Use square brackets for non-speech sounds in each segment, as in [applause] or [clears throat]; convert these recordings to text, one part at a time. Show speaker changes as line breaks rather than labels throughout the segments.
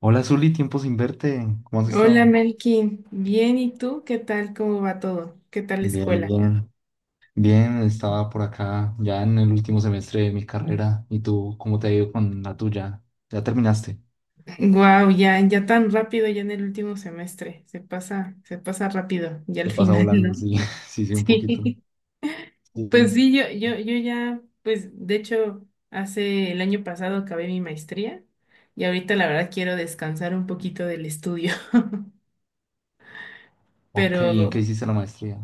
Hola Zuli, tiempo sin verte. ¿Cómo has
Hola
estado?
Melkin, bien, ¿y tú? ¿Qué tal? ¿Cómo va todo? ¿Qué tal la
Bien,
escuela?
bien. Bien, estaba por acá ya en el último semestre de mi carrera. ¿Y tú cómo te ha ido con la tuya? ¿Ya terminaste?
Wow, ya, ya tan rápido, ya en el último semestre, se pasa rápido, ya al
Te pasa
final,
volando,
¿no? [laughs]
sí, [laughs] sí, sí, un poquito.
Sí, pues
Sí.
sí, yo ya, pues de hecho, hace el año pasado acabé mi maestría y ahorita la verdad quiero descansar un poquito del estudio, [laughs]
Ok, ¿y en qué
pero
hiciste la maestría?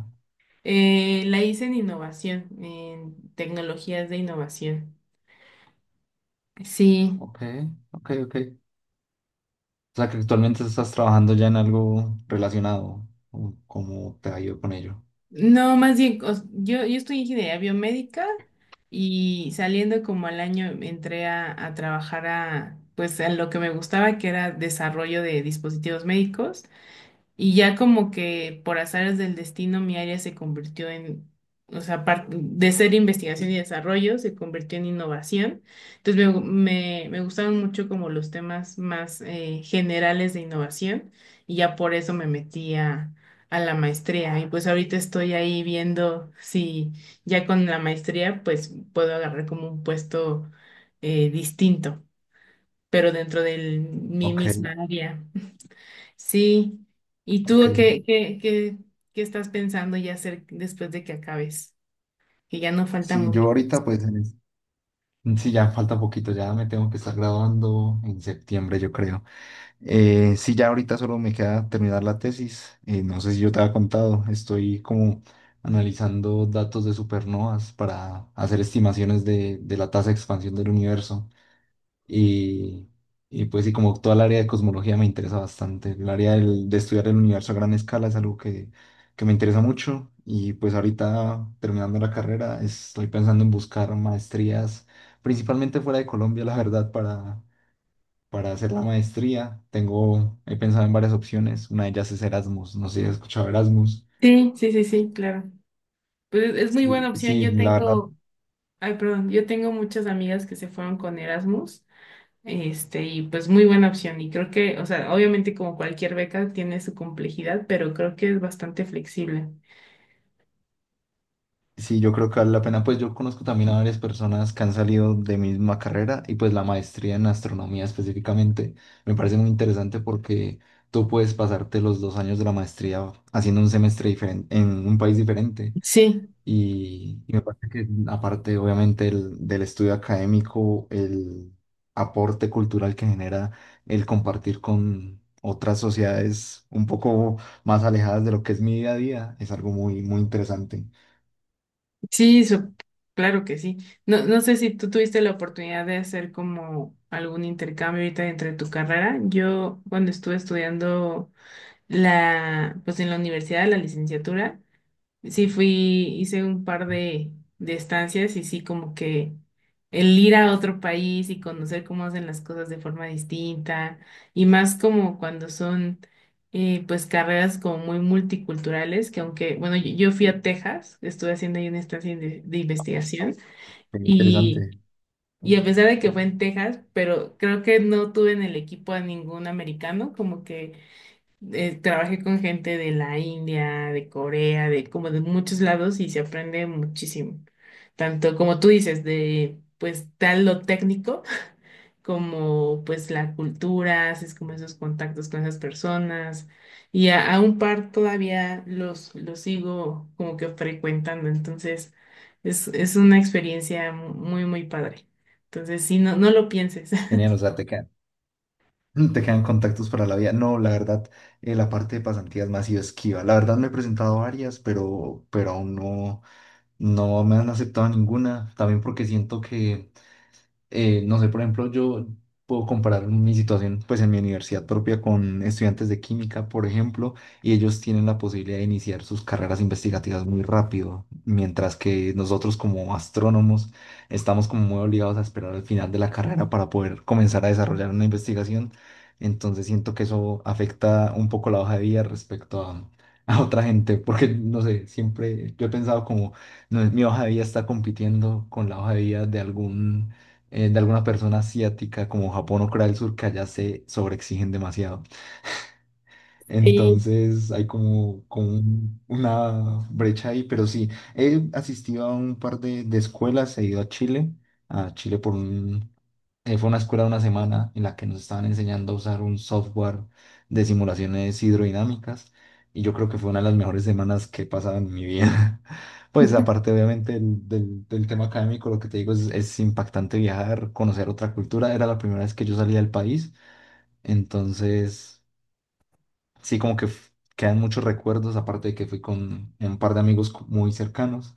la hice en innovación, en tecnologías de innovación. Sí,
Ok, ok, ok. O sea que actualmente estás trabajando ya en algo relacionado. ¿Cómo te ha ido con ello?
no, más bien, yo estudié ingeniería biomédica y saliendo como al año entré a trabajar a, pues, a lo que me gustaba, que era desarrollo de dispositivos médicos. Y ya como que por azares del destino mi área se convirtió en, o sea, de ser investigación y desarrollo, se convirtió en innovación. Entonces me gustaron mucho como los temas más generales de innovación y ya por eso me metí a la maestría. Y pues ahorita estoy ahí viendo si ya con la maestría pues puedo agarrar como un puesto distinto, pero dentro de mi
Ok,
misma área. Sí. ¿Y tú
ok.
qué estás pensando ya hacer después de que acabes? Que ya no falta
Sí, yo
mucho.
ahorita pues en este. Sí, ya falta poquito, ya me tengo que estar graduando en septiembre, yo creo. Sí, ya ahorita solo me queda terminar la tesis. No sé si yo te había contado, estoy como analizando datos de supernovas para hacer estimaciones de la tasa de expansión del universo. Y, y pues sí, como toda el área de cosmología me interesa bastante. El área de estudiar el universo a gran escala es algo que me interesa mucho. Y pues ahorita terminando la carrera, estoy pensando en buscar maestrías, principalmente fuera de Colombia, la verdad, para hacer la maestría. Tengo, he pensado en varias opciones. Una de ellas es Erasmus. No sé si has escuchado Erasmus.
Sí, sí, sí, sí, claro. Pues es muy buena
Sí,
opción.
sí,
Yo
la verdad.
tengo, ay, perdón, yo tengo muchas amigas que se fueron con Erasmus, este, y pues muy buena opción. Y creo que, o sea, obviamente como cualquier beca tiene su complejidad, pero creo que es bastante flexible.
Sí, yo creo que vale la pena. Pues yo conozco también a varias personas que han salido de mi misma carrera y pues la maestría en astronomía específicamente me parece muy interesante porque tú puedes pasarte los 2 años de la maestría haciendo un semestre diferente en un país diferente
Sí.
y me parece que aparte obviamente del estudio académico, el aporte cultural que genera el compartir con otras sociedades un poco más alejadas de lo que es mi día a día es algo muy, muy interesante.
Sí, sup- claro que sí. No, no sé si tú tuviste la oportunidad de hacer como algún intercambio ahorita entre tu carrera. Yo cuando estuve estudiando la, pues en la universidad, la licenciatura, sí, fui, hice un par de estancias y sí, como que el ir a otro país y conocer cómo hacen las cosas de forma distinta y más como cuando son pues carreras como muy multiculturales, que aunque, bueno, yo fui a Texas, estuve haciendo ahí una estancia de investigación
Muy
y,
interesante.
y a pesar de que fue en Texas, pero creo que no tuve en el equipo a ningún americano, como que trabajé con gente de la India, de Corea, de como de muchos lados y se aprende muchísimo. Tanto como tú dices, de pues tal lo técnico, [laughs] como pues la cultura, haces como esos contactos con esas personas. Y a un par todavía los sigo como que frecuentando. Entonces es una experiencia muy, muy padre. Entonces, sí, no lo pienses.
Genial, o sea, te quedan, [clears throat] [laughs] te quedan contactos para la vida. No, la verdad, la parte de pasantías me ha sido esquiva. La verdad me he presentado varias, pero aún no, no me han aceptado ninguna. También porque siento que no sé, por ejemplo, yo puedo comparar mi situación pues en mi universidad propia con estudiantes de química, por ejemplo, y ellos tienen la posibilidad de iniciar sus carreras investigativas muy rápido, mientras que nosotros como astrónomos estamos como muy obligados a esperar al final de la carrera para poder comenzar a desarrollar una investigación. Entonces siento que eso afecta un poco la hoja de vida respecto a otra gente, porque no sé, siempre yo he pensado como no, mi hoja de vida está compitiendo con la hoja de vida de algún de alguna persona asiática como Japón o Corea del Sur que allá se sobreexigen demasiado.
[laughs]
Entonces hay como, como una brecha ahí, pero sí, he asistido a un par de escuelas, he ido a Chile por un fue una escuela de una semana en la que nos estaban enseñando a usar un software de simulaciones hidrodinámicas y yo creo que fue una de las mejores semanas que he pasado en mi vida. [laughs] Pues aparte obviamente del tema académico, lo que te digo es impactante viajar, conocer otra cultura. Era la primera vez que yo salía del país, entonces sí como que quedan muchos recuerdos, aparte de que fui con un par de amigos muy cercanos.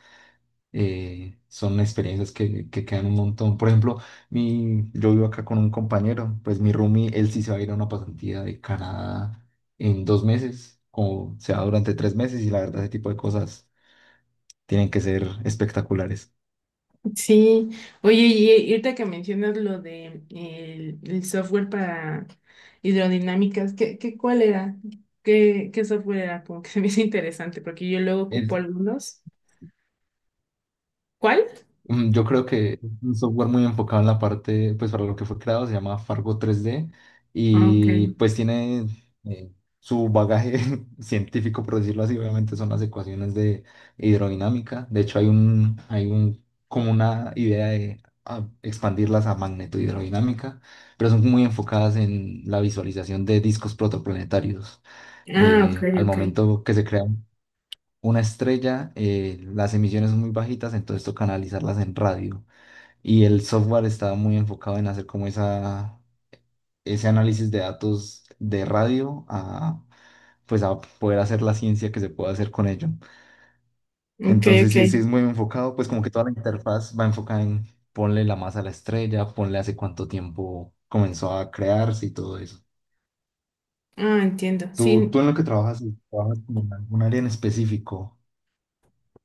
Son experiencias que quedan un montón. Por ejemplo, yo vivo acá con un compañero, pues mi roomie, él sí se va a ir a una pasantía de Canadá en 2 meses, o se va durante 3 meses, y la verdad, ese tipo de cosas tienen que ser espectaculares.
Sí, oye, y ahorita que mencionas lo de el software para hidrodinámicas, ¿qué, qué cuál era? ¿Qué, qué software era? Como que [laughs] se me hizo interesante, porque yo luego ocupo algunos. ¿Cuál?
Yo creo que es un software muy enfocado en la parte, pues para lo que fue creado, se llama Fargo 3D
Ah, ok.
y pues tiene eh, su bagaje [laughs] científico, por decirlo así, obviamente son las ecuaciones de hidrodinámica. De hecho, hay un, como una idea de expandirlas a magnetohidrodinámica, pero son muy enfocadas en la visualización de discos protoplanetarios.
Ah, ok,
Al
ok.
momento que se crea una estrella, las emisiones son muy bajitas, entonces toca analizarlas en radio. Y el software está muy enfocado en hacer como ese análisis de datos de radio a, pues a poder hacer la ciencia que se puede hacer con ello.
Ok,
Entonces,
ok.
sí, sí es muy enfocado, pues como que toda la interfaz va enfocada en ponle la masa a la estrella, ponle hace cuánto tiempo comenzó a crearse y todo eso.
Ah, entiendo.
Tú,
Sí,
tú en lo que trabajas, trabajas como en algún área en específico,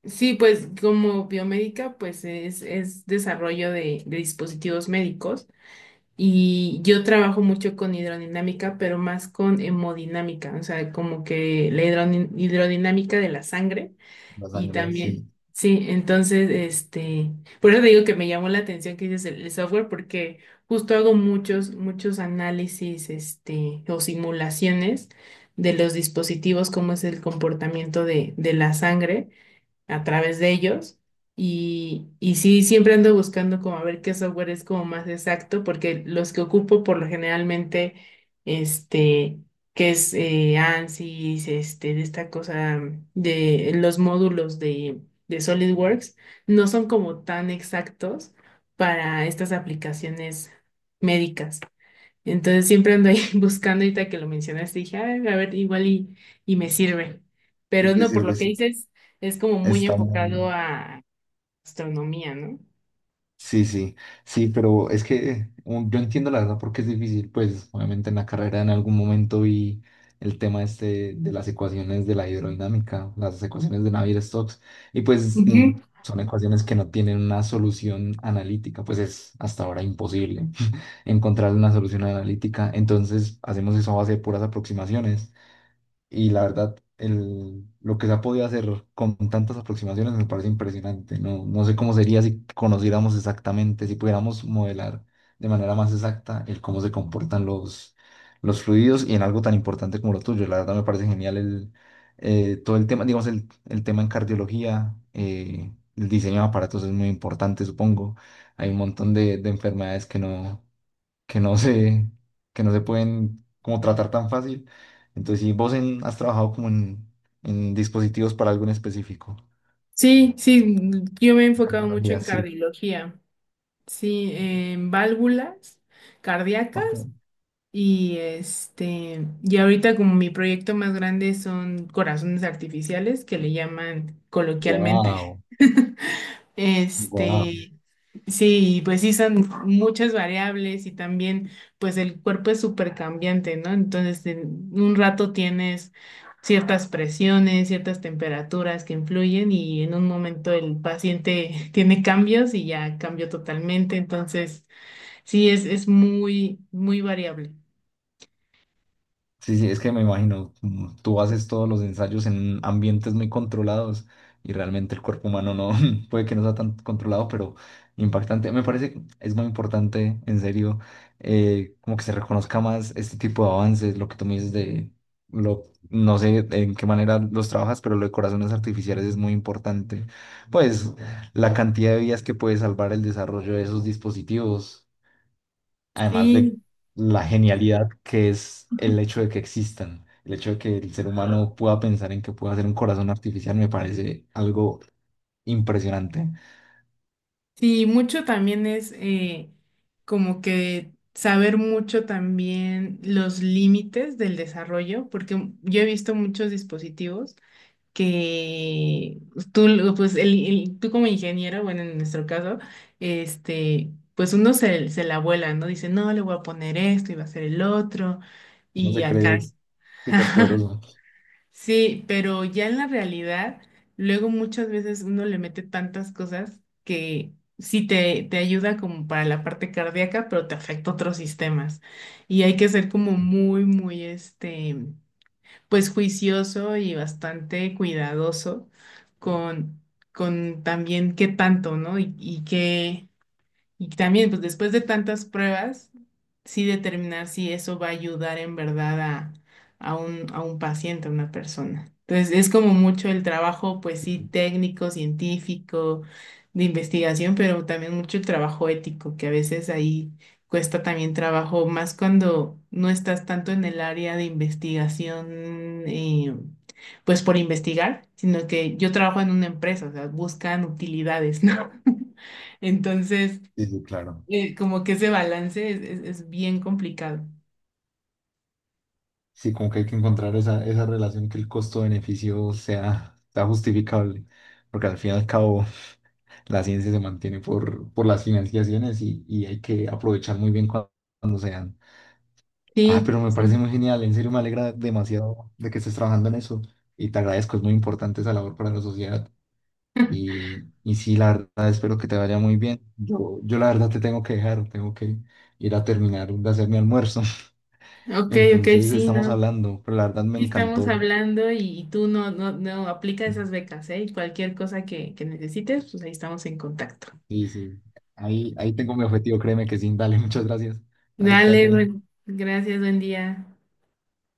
sí, pues como biomédica, pues es desarrollo de dispositivos médicos. Y yo trabajo mucho con hidrodinámica, pero más con hemodinámica, o sea, como que la hidrodinámica de la sangre
la
y
sangre, sí,
también, sí, entonces, este, por eso te digo que me llamó la atención que dices el software, porque justo hago muchos análisis, este, o simulaciones de los dispositivos, cómo es el comportamiento de la sangre a través de ellos. Y sí, siempre ando buscando como a ver qué software es como más exacto, porque los que ocupo por lo generalmente, este, que es ANSYS, este, de esta cosa de los módulos de SolidWorks, no son como tan exactos para estas aplicaciones médicas. Entonces siempre ando ahí [laughs] buscando ahorita que lo mencionaste, dije, "Ay, a ver, igual y me sirve.
y
Pero
te
no, por
sirve,
lo que
sí,
dices, es como muy
está muy...
enfocado a astronomía, ¿no?
Sí, sí, sí, pero es que yo entiendo la verdad porque es difícil, pues obviamente en la carrera en algún momento vi el tema este de las ecuaciones de la hidrodinámica, las ecuaciones de Navier-Stokes, y pues
Ujú.
son ecuaciones que no tienen una solución analítica, pues es hasta ahora imposible [laughs] encontrar una solución analítica, entonces hacemos eso a base de puras aproximaciones. Y la verdad, lo que se ha podido hacer con tantas aproximaciones me parece impresionante. No, no sé cómo sería si conociéramos exactamente, si pudiéramos modelar de manera más exacta el cómo se comportan los fluidos y en algo tan importante como lo tuyo. La verdad me parece genial todo el tema, digamos, el tema en cardiología, el diseño de aparatos es muy importante, supongo. Hay un montón de enfermedades que no se, que no se pueden como tratar tan fácil. Entonces, si vos has trabajado como en dispositivos para algo en específico.
Sí, sí, mm, yo me he
En
enfocado mucho
cardiología,
en
sí.
cardiología, sí, en válvulas
Ok.
cardíacas y este, y ahorita como mi proyecto más grande son corazones artificiales que le llaman coloquialmente.
Wow.
[laughs] Este, sí, y pues sí, son muchas variables y también pues el cuerpo es súper cambiante, ¿no? Entonces, en un rato tienes ciertas presiones, ciertas temperaturas que influyen y en un momento el paciente [laughs] tiene cambios y ya cambió totalmente. Entonces, sí, es muy, muy variable.
Sí, sí, es que me imagino, tú haces todos los ensayos en ambientes muy controlados y realmente el cuerpo humano no [laughs] puede que no sea tan controlado, pero impactante. Me parece que es muy importante, en serio, como que se reconozca más este tipo de avances, lo que tú me dices de, lo, no sé en qué manera los trabajas, pero lo de corazones artificiales es muy importante. Pues la cantidad de vidas que puede salvar el desarrollo de esos dispositivos además de
Sí,
la genialidad que es el hecho de que existan, el hecho de que el ser humano pueda pensar en que pueda hacer un corazón artificial, me parece algo impresionante.
sí, mucho también es como que saber mucho también los límites del desarrollo, porque yo he visto muchos dispositivos que tú, pues tú como ingeniero, bueno, en nuestro caso, este, pues se la vuela, ¿no? Dice, no, le voy a poner esto y va a ser el otro,
Uno
y
se
acá.
cree súper
[laughs]
poderoso.
Sí, pero ya en la realidad, luego muchas veces uno le mete tantas cosas que sí te ayuda como para la parte cardíaca, pero te afecta otros sistemas. Y hay que ser como
Sí,
muy, muy, este, pues juicioso y bastante cuidadoso con, con también qué tanto, ¿no? Y qué, y también, pues después de tantas pruebas, sí determinar si eso va a ayudar en verdad a, a un paciente, a una persona. Entonces, es como mucho el trabajo, pues sí, técnico, científico, de investigación, pero también mucho el trabajo ético, que a veces ahí cuesta también trabajo, más cuando no estás tanto en el área de investigación, pues por investigar, sino que yo trabajo en una empresa, o sea, buscan utilidades, ¿no? [laughs] Entonces,
sí, sí, claro.
como que ese balance es bien complicado.
Sí, como que hay que encontrar esa relación que el costo-beneficio sea justificable, porque al fin y al cabo la ciencia se mantiene por las financiaciones y hay que aprovechar muy bien cuando, sean. Ah, pero
Sí,
me parece
sí.
muy genial, en serio me alegra demasiado de que estés trabajando en eso y te agradezco, es muy importante esa labor para la sociedad
[laughs]
y sí, la verdad espero que te vaya muy bien. Yo la verdad te tengo que dejar, tengo que ir a terminar de hacer mi almuerzo, [laughs]
Ok, ok,
entonces
sí,
estamos
no.
hablando, pero la verdad me
Sí, estamos
encantó.
hablando y tú no, no aplica esas becas, ¿eh? Y cualquier cosa que necesites, pues ahí estamos en contacto.
Sí, sí, ahí tengo mi objetivo, créeme que sí, dale, muchas gracias. Dale, que te
Dale,
vaya bien.
bueno, gracias, buen día.